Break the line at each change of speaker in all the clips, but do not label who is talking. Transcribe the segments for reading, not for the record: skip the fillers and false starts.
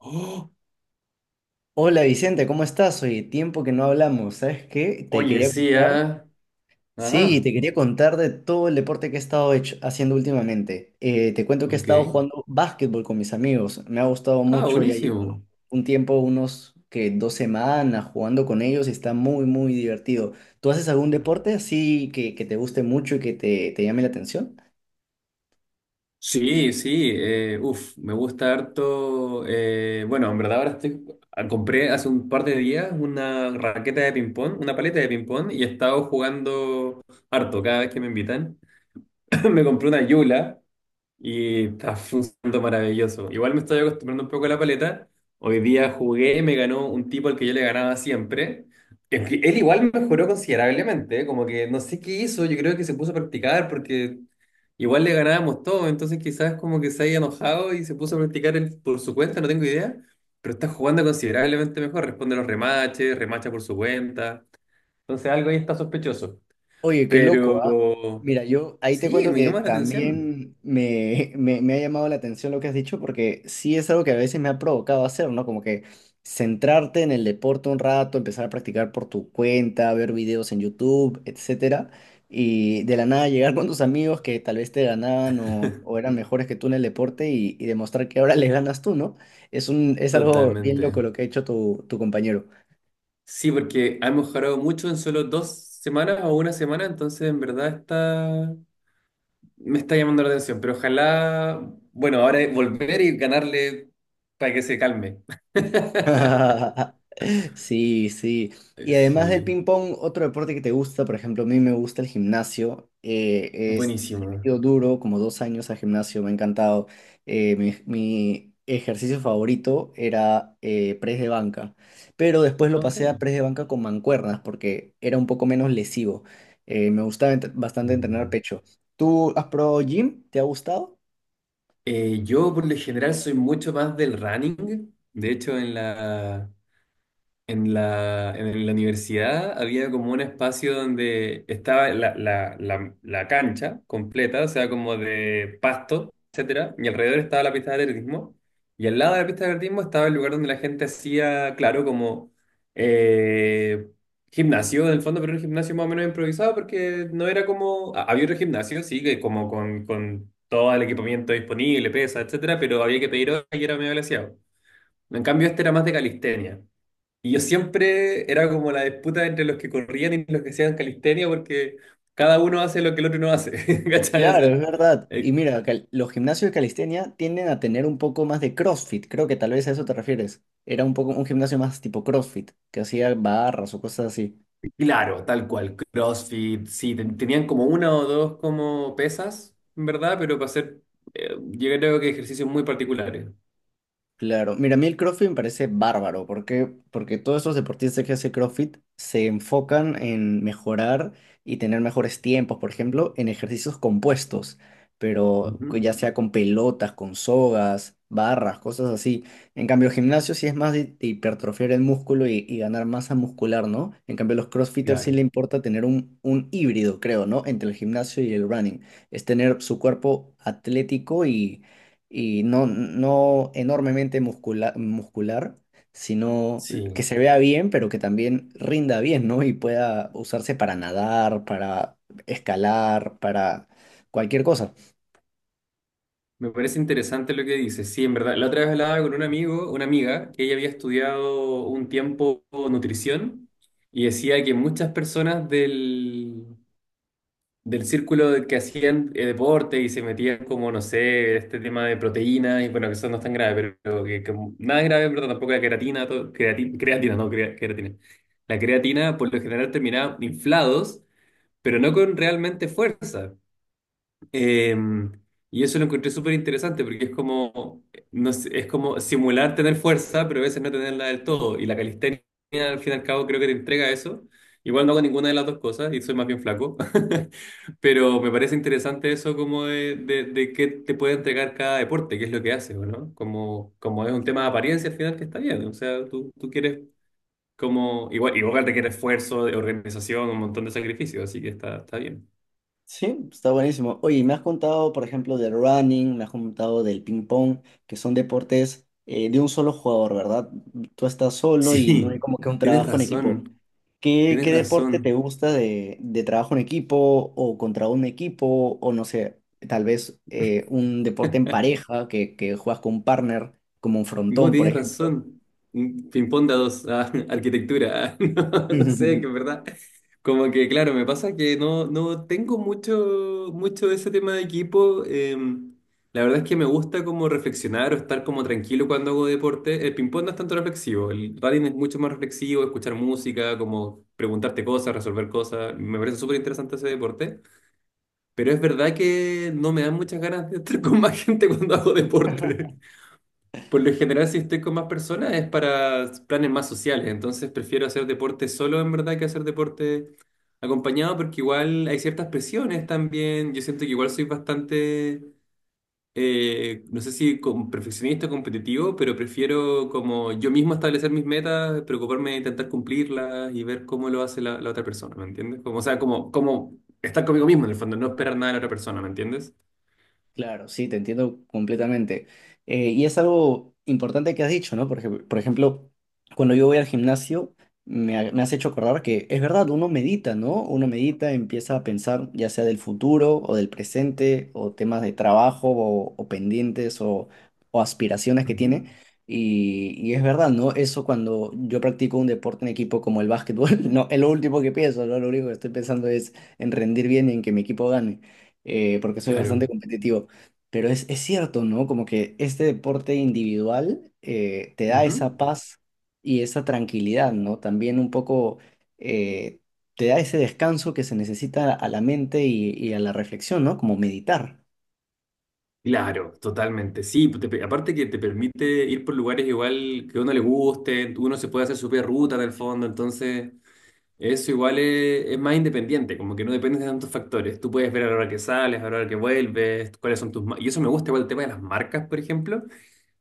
Oh,
Hola Vicente, ¿cómo estás? Oye, tiempo que no hablamos, ¿sabes qué? Te
oye,
quería
sí,
contar.
ah.
Sí,
Ajá,
te quería contar de todo el deporte que he estado haciendo últimamente. Te cuento que he estado
ok.
jugando básquetbol con mis amigos. Me ha gustado
Ah,
mucho, ya llevo
buenísimo.
un tiempo, unos que 2 semanas jugando con ellos y está muy, muy divertido. ¿Tú haces algún deporte así que te guste mucho y que te llame la atención?
Sí, sí, uf, me gusta harto. Bueno, en verdad ahora compré hace un par de días una raqueta de ping-pong, una paleta de ping-pong, y he estado jugando harto cada vez que me invitan. Me compré una Yula. Y está funcionando maravilloso. Igual me estoy acostumbrando un poco a la paleta. Hoy día jugué, me ganó un tipo al que yo le ganaba siempre. Es que él igual mejoró considerablemente, ¿eh? Como que no sé qué hizo, yo creo que se puso a practicar porque igual le ganábamos todo, entonces quizás como que se haya enojado y se puso a practicar él por su cuenta, no tengo idea, pero está jugando considerablemente mejor, responde los remaches, remacha por su cuenta, entonces algo ahí está sospechoso,
Oye, qué loco, ¿ah?
pero
Mira, yo ahí te
sí,
cuento
me
que
llama la atención.
también me ha llamado la atención lo que has dicho, porque sí es algo que a veces me ha provocado hacer, ¿no? Como que centrarte en el deporte un rato, empezar a practicar por tu cuenta, ver videos en YouTube, etcétera, y de la nada llegar con tus amigos que tal vez te ganaban o eran mejores que tú en el deporte y demostrar que ahora les ganas tú, ¿no? Es algo bien loco
Totalmente.
lo que ha hecho tu compañero.
Sí, porque ha mejorado mucho en solo dos semanas o una semana, entonces en verdad está, me está llamando la atención, pero ojalá, bueno, ahora es volver y ganarle para que se calme.
Sí, sí. Y además del
Sí,
ping pong, otro deporte que te gusta, por ejemplo, a mí me gusta el gimnasio. Es, le he
buenísimo.
metido duro, como 2 años al gimnasio, me ha encantado. Mi ejercicio favorito era press de banca, pero después lo
Ok.
pasé a press de banca con mancuernas porque era un poco menos lesivo. Me gustaba bastante entrenar
Mm.
pecho. ¿Tú has probado gym? ¿Te ha gustado?
Yo por lo general soy mucho más del running, de hecho en la, en la universidad había como un espacio donde estaba la cancha completa, o sea, como de pasto, etcétera, y alrededor estaba la pista de atletismo, y al lado de la pista de atletismo estaba el lugar donde la gente hacía, claro, como eh, gimnasio, en el fondo, pero era un gimnasio más o menos improvisado, porque no era como, ha- había otro gimnasio, sí, que como con todo el equipamiento disponible, pesa, etcétera, pero había que pedir hora y era medio glaciado. En cambio, este era más de calistenia. Y yo siempre era como la disputa entre los que corrían y los que hacían calistenia, porque cada uno hace lo que el otro no hace, ¿cachai? O
Claro, es
sea,
verdad. Y
eh,
mira, los gimnasios de calistenia tienden a tener un poco más de CrossFit. Creo que tal vez a eso te refieres. Era un poco un gimnasio más tipo CrossFit, que hacía barras o cosas así.
claro, tal cual, CrossFit, sí, ten- tenían como una o dos como pesas, en verdad, pero para hacer, yo creo que ejercicios muy particulares.
Claro, mira, a mí el CrossFit me parece bárbaro, ¿por qué? Porque todos esos deportistas que hacen CrossFit se enfocan en mejorar y tener mejores tiempos, por ejemplo, en ejercicios compuestos, pero
Ujú,
que ya sea con pelotas, con sogas, barras, cosas así. En cambio, el gimnasio sí es más de hipertrofiar el músculo y ganar masa muscular, ¿no? En cambio, a los CrossFitters sí le
claro,
importa tener un híbrido, creo, ¿no? Entre el gimnasio y el running. Es tener su cuerpo atlético y no, no enormemente muscular, sino que
sí.
se vea bien, pero que también rinda bien, ¿no? Y pueda usarse para nadar, para escalar, para cualquier cosa.
Me parece interesante lo que dices. Sí, en verdad. La otra vez hablaba con un amigo, una amiga, que ella había estudiado un tiempo nutrición y decía que muchas personas del círculo de que hacían deporte y se metían como, no sé, este tema de proteínas, y bueno, que eso no es tan grave, pero que nada grave, pero tampoco la creatina, todo- creati- creatina, no, crea- creatina. La creatina por lo general terminaba inflados, pero no con realmente fuerza. Eh, y eso lo encontré súper interesante porque es como, no sé, es como simular tener fuerza, pero a veces no tenerla del todo. Y la calistenia, al fin y al cabo, creo que te entrega eso. Igual no hago ninguna de las dos cosas y soy más bien flaco. Pero me parece interesante eso como de qué te puede entregar cada deporte, qué es lo que haces, ¿o no? Como, como es un tema de apariencia al final que está bien. O sea, tú quieres como, igual requiere esfuerzo, de organización, un montón de sacrificios, así que está bien.
Sí, está buenísimo. Oye, me has contado, por ejemplo, del running, me has contado del ping pong, que son deportes de un solo jugador, ¿verdad? Tú estás solo y no hay
Sí,
como que un
tienes
trabajo en equipo.
razón.
¿Qué,
Tienes
qué deporte te
razón.
gusta de trabajo en equipo o contra un equipo o no sé, tal vez un deporte en pareja que juegas con un partner, como un
No,
frontón, por
tienes
ejemplo?
razón. Mm, ping-pong de a dos, ah, arquitectura. Ah, no, no sé, que es verdad. Como que, claro, me pasa que no, no tengo mucho de ese tema de equipo. La verdad es que me gusta como reflexionar o estar como tranquilo cuando hago deporte. El ping-pong no es tanto reflexivo. El running es mucho más reflexivo, escuchar música, como preguntarte cosas, resolver cosas. Me parece súper interesante ese deporte. Pero es verdad que no me dan muchas ganas de estar con más gente cuando hago deporte. Por lo general, si estoy con más personas es para planes más sociales, entonces prefiero hacer deporte solo en verdad que hacer deporte acompañado porque igual hay ciertas presiones también. Yo siento que igual soy bastante, no sé si con perfeccionista o competitivo, pero prefiero como yo mismo establecer mis metas, preocuparme de intentar cumplirlas y ver cómo lo hace la otra persona, ¿me entiendes? Como, o sea, como estar conmigo mismo en el fondo, no esperar nada de la otra persona, ¿me entiendes?
Claro, sí, te entiendo completamente. Y es algo importante que has dicho, ¿no? Porque, por ejemplo, cuando yo voy al gimnasio, me has hecho acordar que es verdad, uno medita, ¿no? Uno medita, empieza a pensar ya sea del futuro o del presente o temas de trabajo o pendientes o aspiraciones que
Ujú.
tiene. Y es verdad, ¿no? Eso cuando yo practico un deporte en equipo como el básquetbol, no, es lo último que pienso, ¿no? Lo único que estoy pensando es en rendir bien y en que mi equipo gane porque soy bastante
Claro.
competitivo. Pero es cierto, ¿no? Como que este deporte individual te da esa
Ujú.
paz y esa tranquilidad, ¿no? También un poco eh, te da ese descanso que se necesita a la mente y a la reflexión, ¿no? Como meditar.
Claro, totalmente. Sí, pues, te pe- aparte que te permite ir por lugares igual que a uno le guste, uno se puede hacer su propia ruta en el fondo, entonces eso igual es más independiente, como que no depende de tantos factores. Tú puedes ver a la hora que sales, a la hora que vuelves, cuáles son tus... ma- Y eso me gusta igual el tema de las marcas, por ejemplo,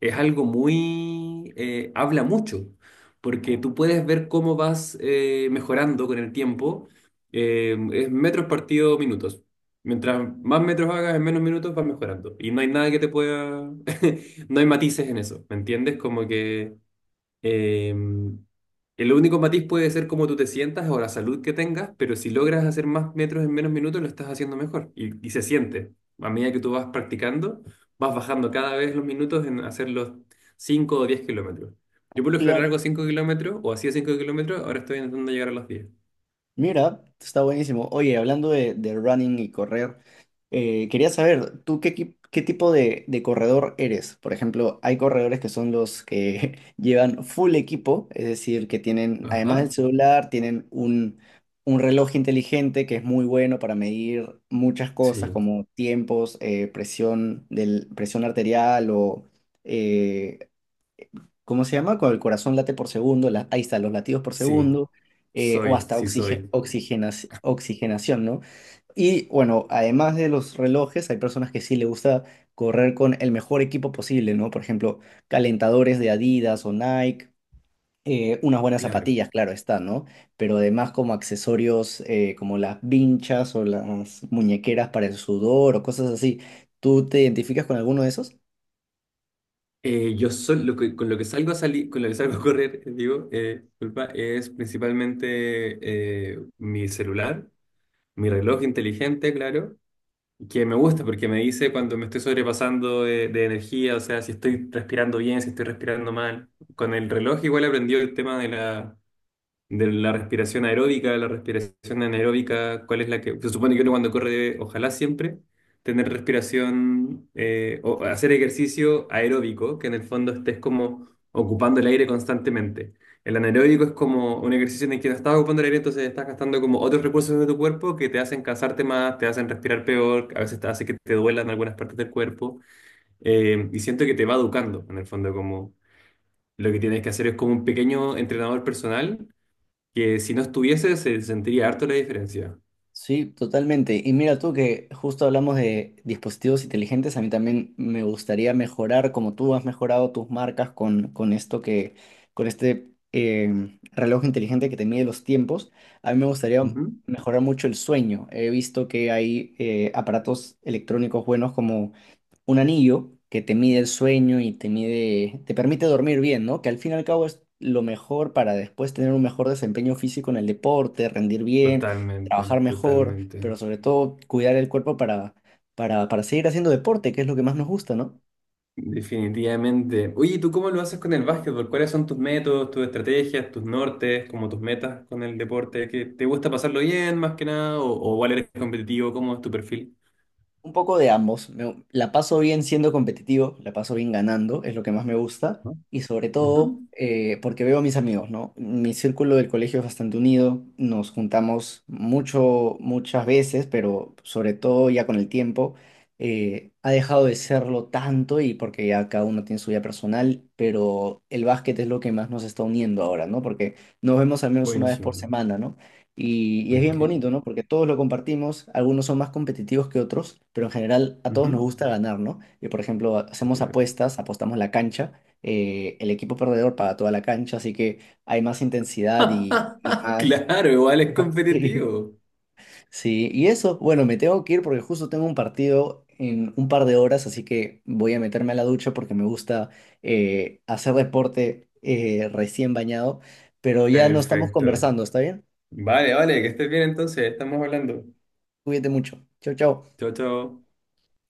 es algo muy... habla mucho, porque tú puedes ver cómo vas mejorando con el tiempo. Es metros partido minutos. Mientras más metros hagas en menos minutos vas mejorando. Y no hay nada que te pueda... no hay matices en eso, ¿me entiendes? Como que Em, el único matiz puede ser cómo tú te sientas o la salud que tengas, pero si logras hacer más metros en menos minutos, lo estás haciendo mejor y se siente. A medida que tú vas practicando, vas bajando cada vez los minutos en hacer los 5 o 10 kilómetros. Yo por lo general
Claro.
hago 5 kilómetros o hacía 5 kilómetros, ahora estoy intentando llegar a los 10.
Mira, está buenísimo. Oye, hablando de running y correr, quería saber, ¿tú qué, qué tipo de corredor eres? Por ejemplo, hay corredores que son los que llevan full equipo, es decir, que tienen, además
Ajá.
del celular, tienen un reloj inteligente que es muy bueno para medir muchas cosas
Sí,
como tiempos, presión del, presión arterial o eh, ¿cómo se llama? Cuando el corazón late por segundo, ahí está, los latidos por
sí,
segundo, o hasta
sí soy.
oxigenación, ¿no? Y bueno, además de los relojes, hay personas que sí le gusta correr con el mejor equipo posible, ¿no? Por ejemplo, calentadores de Adidas o Nike, unas buenas
Claro.
zapatillas, claro está, ¿no? Pero además como accesorios como las vinchas o las muñequeras para el sudor o cosas así. ¿Tú te identificas con alguno de esos?
Yo sol- lo que- con lo que salgo a salir, con lo que salgo a correr, digo, disculpa, es principalmente mi celular, mi reloj inteligente, claro, que me gusta porque me dice cuando me estoy sobrepasando de energía, o sea, si estoy respirando bien, si estoy respirando mal. Con el reloj igual aprendió el tema de de la respiración aeróbica, de la respiración anaeróbica, cuál es la que se supone que uno cuando corre debe, ojalá siempre, tener respiración o hacer ejercicio aeróbico, que en el fondo estés como ocupando el aire constantemente. El anaeróbico es como un ejercicio en el que no estás ocupando el aire, entonces estás gastando como otros recursos de tu cuerpo que te hacen cansarte más, te hacen respirar peor, a veces te hace que te duelan algunas partes del cuerpo. Y siento que te va educando, en el fondo, como lo que tienes que hacer es como un pequeño entrenador personal que si no estuviese se sentiría harto la diferencia.
Sí, totalmente. Y mira tú que justo hablamos de dispositivos inteligentes, a mí también me gustaría mejorar, como tú has mejorado tus marcas con esto que, con este reloj inteligente que te mide los tiempos, a mí me gustaría
Ujú.
mejorar mucho el sueño. He visto que hay aparatos electrónicos buenos como un anillo que te mide el sueño y te mide, te permite dormir bien, ¿no? Que al fin y al cabo es lo mejor para después tener un mejor desempeño físico en el deporte, rendir bien,
Totalmente,
trabajar mejor, pero
totalmente.
sobre todo cuidar el cuerpo para seguir haciendo deporte, que es lo que más nos gusta, ¿no?
Definitivamente. Oye, ¿y ¿tú cómo lo haces con el básquetbol? ¿Cuáles son tus métodos, tus estrategias, tus nortes, como tus metas con el deporte? ¿Que te gusta pasarlo bien más que nada? O igual eres competitivo? ¿Cómo es tu perfil?
Un poco de ambos. La paso bien siendo competitivo, la paso bien ganando, es lo que más me gusta.
¿No?
Y sobre todo
Ujú.
porque veo a mis amigos, ¿no? Mi círculo del colegio es bastante unido, nos juntamos mucho, muchas veces, pero sobre todo ya con el tiempo ha dejado de serlo tanto y porque ya cada uno tiene su vida personal, pero el básquet es lo que más nos está uniendo ahora, ¿no? Porque nos vemos al menos una vez por
Buenísimo.
semana, ¿no? Y es bien
Ok.
bonito, ¿no? Porque todos lo compartimos, algunos son más competitivos que otros, pero en general a todos nos
Ujú.
gusta ganar, ¿no? Y por ejemplo, hacemos
Claro.
apuestas, apostamos la cancha, el equipo perdedor paga toda la cancha, así que hay más intensidad y más...
Claro, igual es
Sí.
competitivo.
Sí, y eso, bueno, me tengo que ir porque justo tengo un partido en un par de horas, así que voy a meterme a la ducha porque me gusta hacer deporte recién bañado, pero ya no estamos
Perfecto.
conversando, ¿está bien?
Vale, vale, que estés bien entonces, estamos hablando.
Cuídate mucho. Chau, chau.
Chao, chao.